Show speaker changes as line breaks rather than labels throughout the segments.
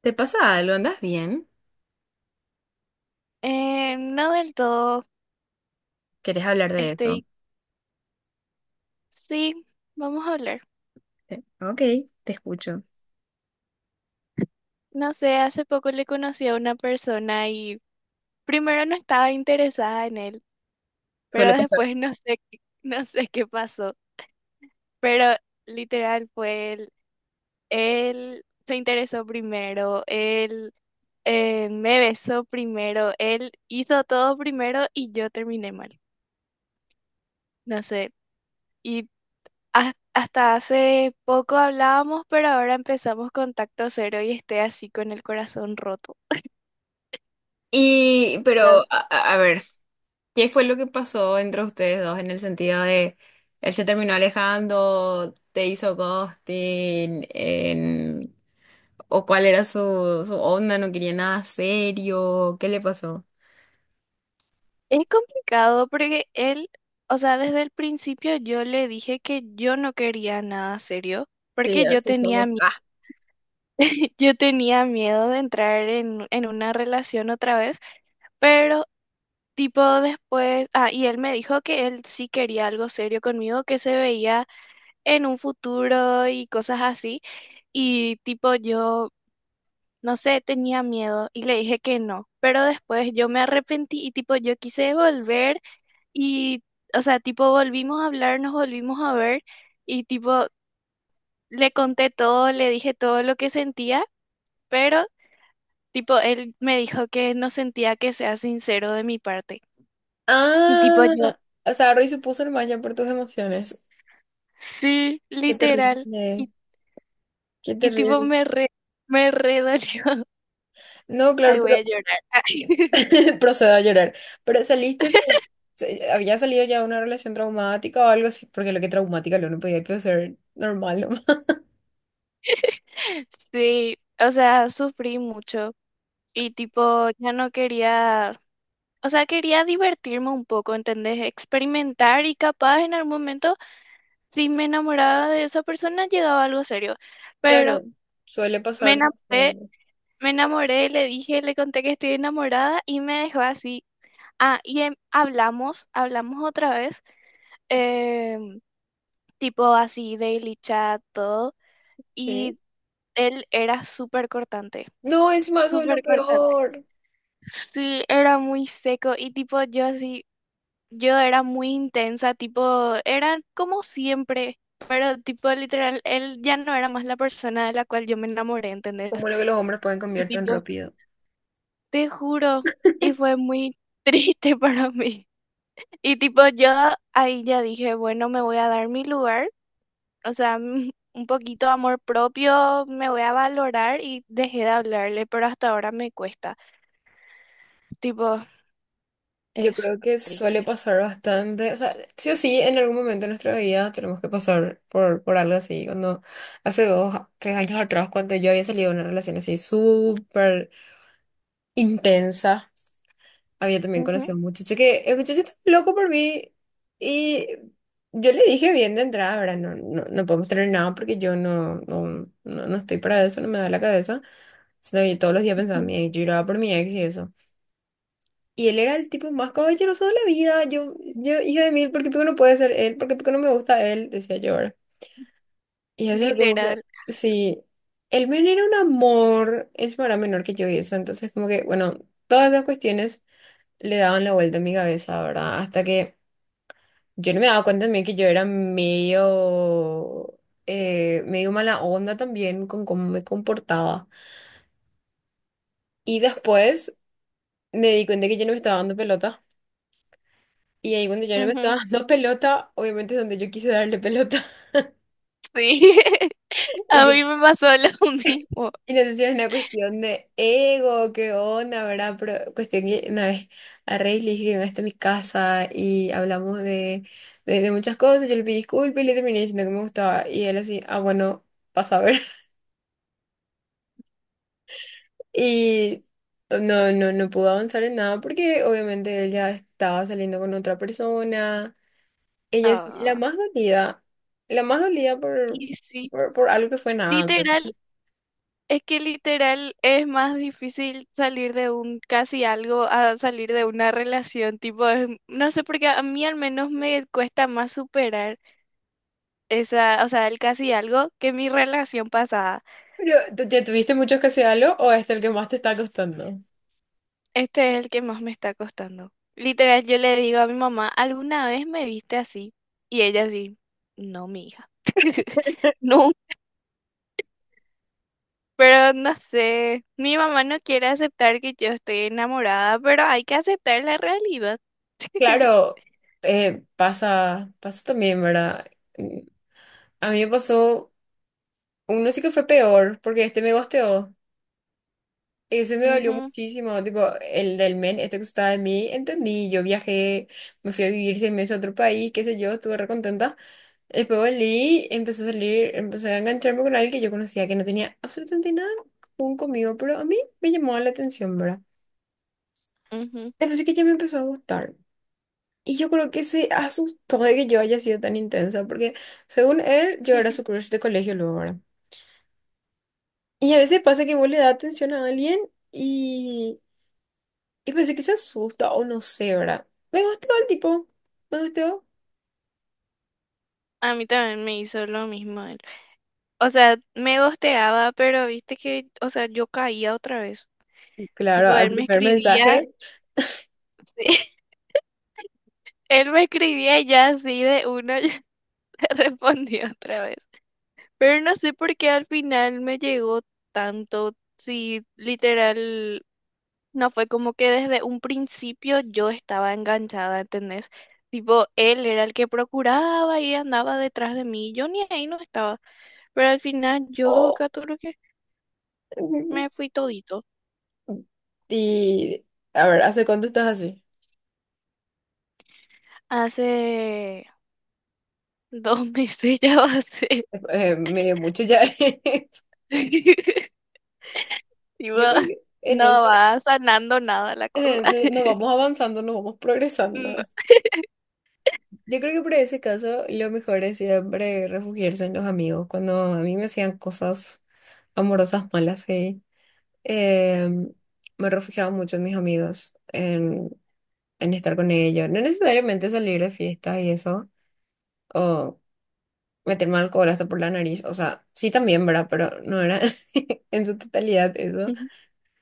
¿Te pasa algo? ¿Andas bien?
No del todo.
¿Querés hablar de eso?
Estoy. Sí, vamos a hablar.
Sí. Ok, te escucho.
No sé, hace poco le conocí a una persona y primero no estaba interesada en él, pero
Suele pasar.
después no sé, no sé qué pasó. Pero literal fue él. Él se interesó primero, él me besó primero, él hizo todo primero y yo terminé mal. No sé. Y Hasta hace poco hablábamos, pero ahora empezamos contacto cero y estoy así con el corazón roto.
Y, pero,
Las-
a ver, ¿qué fue lo que pasó entre ustedes dos en el sentido de él se terminó alejando, te hizo ghosting, en- o cuál era su onda, no quería nada serio? ¿Qué le pasó?
Es complicado porque él, o sea, desde el principio yo le dije que yo no quería nada serio,
Sí,
porque yo
así
tenía,
somos. Ah.
yo tenía miedo de entrar en una relación otra vez, pero tipo después, ah, y él me dijo que él sí quería algo serio conmigo, que se veía en un futuro y cosas así. Y tipo yo no sé, tenía miedo y le dije que no, pero después yo me arrepentí y tipo yo quise volver y, o sea, tipo volvimos a hablar, nos volvimos a ver y tipo le conté todo, le dije todo lo que sentía, pero tipo él me dijo que no sentía que sea sincero de mi parte. Y tipo yo,
Ah, o sea, Roy supuso el malla por tus emociones.
sí,
Qué
literal.
terrible,
Y,
qué
y tipo
terrible.
me re dolió.
No, claro,
Ay, voy
pero
a llorar.
procedo a llorar. Pero había salido ya de una relación traumática o algo así, porque lo que traumática lo no podía pues, ser normal nomás.
Sí, o sea, sufrí mucho. Y tipo, ya no quería, o sea, quería divertirme un poco, ¿entendés? Experimentar y capaz en algún momento, si me enamoraba de esa persona, llegaba algo serio. Pero
Claro, suele
me
pasar.
enamoré,
¿No?
me enamoré, le dije, le conté que estoy enamorada y me dejó así. Ah, y hablamos, hablamos otra vez, em, tipo así, daily chat, todo.
¿Sí?
Y él era súper cortante,
No, encima eso es lo
súper cortante.
peor.
Sí, era muy seco y tipo yo así. Yo era muy intensa, tipo, era como siempre, pero tipo literal, él ya no era más la persona de la cual yo me enamoré, ¿entendés?
Como lo que los hombres pueden
Y
cambiar tan
tipo,
rápido.
te juro, y fue muy triste para mí. Y tipo, yo ahí ya dije, bueno, me voy a dar mi lugar, o sea, un poquito de amor propio, me voy a valorar y dejé de hablarle, pero hasta ahora me cuesta. Tipo,
Yo
es
creo que suele
triste.
pasar bastante, o sea, sí o sí, en algún momento de nuestra vida tenemos que pasar por algo así. Cuando hace dos, tres años atrás, cuando yo había salido de una relación así súper intensa, había también
Ujú,
conocido a un muchacho que el muchacho estaba loco por mí y yo le dije bien de entrada, ¿verdad? No, no, no podemos tener nada porque yo no, no, no, no estoy para eso, no me da la cabeza. Sino que todos los días pensaba en
ujú,
mi ex, yo lloraba por mi ex y eso. Y él era el tipo más caballeroso de la vida. Yo, hija de mil, ¿por qué Pico no puede ser él? ¿Por qué Pico no me gusta él? Decía yo, ¿verdad? Y eso como que,
literal.
sí, él men era un amor, encima era menor que yo y eso. Entonces como que, bueno, todas esas cuestiones le daban la vuelta a mi cabeza, ¿verdad? Hasta que yo no me daba cuenta también que yo era medio, medio mala onda también con cómo me comportaba. Y después me di cuenta que yo no me estaba dando pelota. Y ahí cuando yo no me
Ujú,
estaba dando pelota, obviamente es donde yo quise darle pelota.
sí. A mí me pasó lo mismo.
Y no sé si es una cuestión de ego, qué onda, ¿verdad? Pero cuestión que una vez a Rey le dije que venga hasta mi casa y hablamos de, de muchas cosas. Yo le pedí disculpas y le terminé diciendo que me gustaba. Y él así, ah, bueno, pasa a ver. Y no, no, no pudo avanzar en nada porque obviamente él ya estaba saliendo con otra persona. Ella es
Ah,
la más dolida por,
y sí,
por algo que fue nada antes.
literal, es que literal es más difícil salir de un casi algo a salir de una relación, tipo, no sé, porque a mí al menos me cuesta más superar esa, o sea, el casi algo que mi relación pasada.
Pero, ¿tú- ¿ya tuviste muchos casi algo o es el que más te está costando?
Este es el que más me está costando. Literal, yo le digo a mi mamá, ¿alguna vez me viste así? Y ella así, no, mi hija. Nunca. Pero no sé, mi mamá no quiere aceptar que yo estoy enamorada, pero hay que aceptar la realidad.
Claro, pasa, pasa también, ¿verdad? Mm, A mí me pasó, uno sí que fue peor, porque este me gosteó. Ese me dolió
Ujú,
muchísimo, tipo, el del men, este que estaba de mí, entendí, yo viajé, me fui a vivir 6 meses a otro país, qué sé yo, estuve re contenta. Después volví, empecé a salir, empecé a engancharme con alguien que yo conocía, que no tenía absolutamente nada en común conmigo, pero a mí me llamó la atención, ¿verdad?
ujú.
Después sí que ya me empezó a gustar. Y yo creo que se asustó de que yo haya sido tan intensa, porque según él, yo era su crush de colegio luego, ¿verdad? Y a veces pasa que vos le das atención a alguien y, y pensé que se asusta o no sé, ¿verdad? Me gustó el tipo, me gustó.
A mí también me hizo lo mismo él. O sea, me gosteaba, pero viste que, o sea, yo caía otra vez.
Claro,
Tipo,
al
él me
primer
escribía,
mensaje.
sí, él me escribía y ya así de uno, ya le respondí otra vez. Pero no sé por qué al final me llegó tanto, sí, literal. No fue como que desde un principio yo estaba enganchada, ¿entendés? Tipo, él era el que procuraba y andaba detrás de mí. Yo ni ahí no estaba. Pero al final yo,
Oh.
Caturo, que me fui todito.
Y a ver, ¿hace cuánto estás así?
Hace 2 meses ya va a ser.
Medio mucho ya es.
Tipo,
Yo creo que en eso
no va sanando nada la cosa.
nos vamos avanzando, nos vamos progresando.
No.
Yo creo que por ese caso lo mejor es siempre refugiarse en los amigos. Cuando a mí me hacían cosas amorosas malas, sí, eh, me refugiaba mucho en mis amigos, en estar con ellos. No necesariamente salir de fiestas y eso, o meterme alcohol hasta por la nariz. O sea, sí también, ¿verdad? Pero no era en su totalidad eso.
Ujú.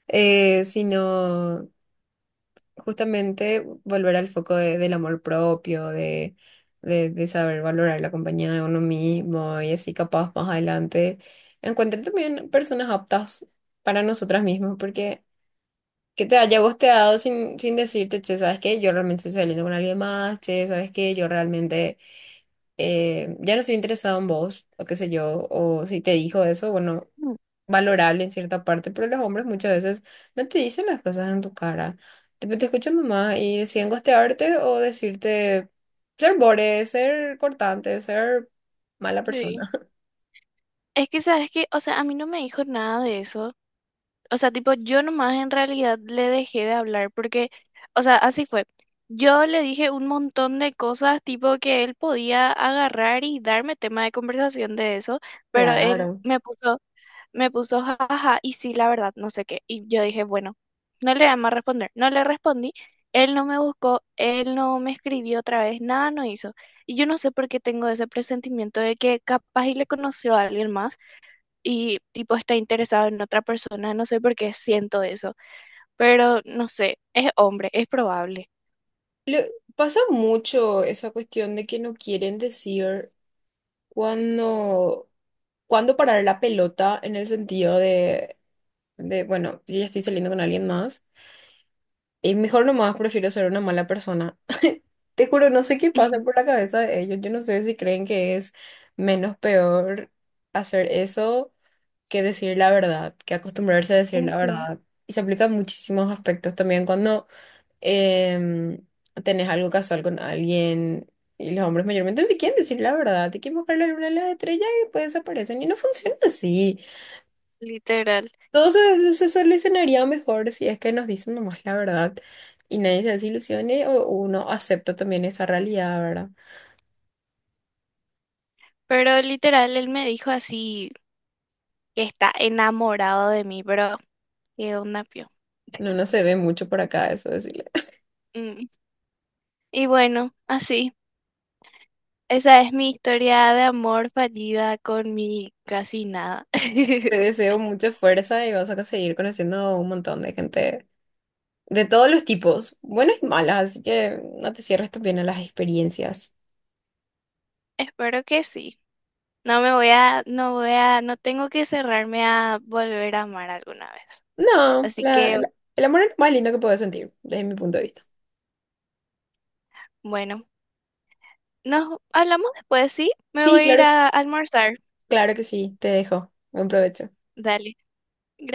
Sino, justamente volver al foco del amor propio, de, de saber valorar la compañía de uno mismo y así capaz más adelante encuentren también personas aptas para nosotras mismas, porque que te haya gosteado sin, decirte, che, ¿sabes qué? Yo realmente estoy saliendo con alguien más, che, ¿sabes qué? Yo realmente ya no estoy interesado en vos, o qué sé yo, o si te dijo eso, bueno, valorable en cierta parte, pero los hombres muchas veces no te dicen las cosas en tu cara. Tipo, te escuchan nomás y deciden gostearte o decirte ser bore, ser cortante, ser mala
Sí.
persona.
Es que, ¿sabes que, o sea, a mí no me dijo nada de eso. O sea, tipo, yo nomás en realidad le dejé de hablar porque, o sea, así fue. Yo le dije un montón de cosas, tipo, que él podía agarrar y darme tema de conversación de eso, pero
Claro.
me puso jaja, y sí, la verdad, no sé qué. Y yo dije, bueno, no le voy a más responder. No le respondí, él no me buscó, él no me escribió otra vez, nada no hizo. Y yo no sé por qué tengo ese presentimiento de que capaz y le conoció a alguien más y tipo está interesado en otra persona, no sé por qué siento eso, pero no sé, es hombre, es probable.
Le- pasa mucho esa cuestión de que no quieren decir cuándo, cuándo parar la pelota en el sentido de, bueno, yo ya estoy saliendo con alguien más. Y mejor nomás prefiero ser una mala persona. Te juro, no sé qué pasa por la cabeza de ellos. Yo no sé si creen que es menos peor hacer eso que decir la verdad, que acostumbrarse a decir la
Ujú,
verdad. Y se aplica en muchísimos aspectos también cuando em, tenés algo casual con alguien y los hombres mayormente no te quieren decir la verdad, te quieren mostrar la luna y las estrellas y después desaparecen. Y no funciona así.
literal.
Todo se, se solucionaría mejor si es que nos dicen nomás la verdad y nadie se desilusione o uno acepta también esa realidad, ¿verdad?
Pero literal, él me dijo así que está enamorado de mí, pero qué onda, pio.
No, no se ve mucho por acá, eso decirle.
Mm, y bueno, así, esa es mi historia de amor fallida con mi casi nada.
Te deseo mucha fuerza y vas a seguir conociendo un montón de gente de todos los tipos, buenas y malas, así que no te cierres también a las experiencias.
Espero que sí. No me voy a, no voy a, No tengo que cerrarme a volver a amar alguna vez.
No,
Así que,
el amor es lo más lindo que puedes sentir, desde mi punto de vista.
bueno. Nos hablamos después, ¿sí? Me
Sí,
voy a ir
claro,
a almorzar.
claro que sí, te dejo. Buen provecho.
Dale. Gracias.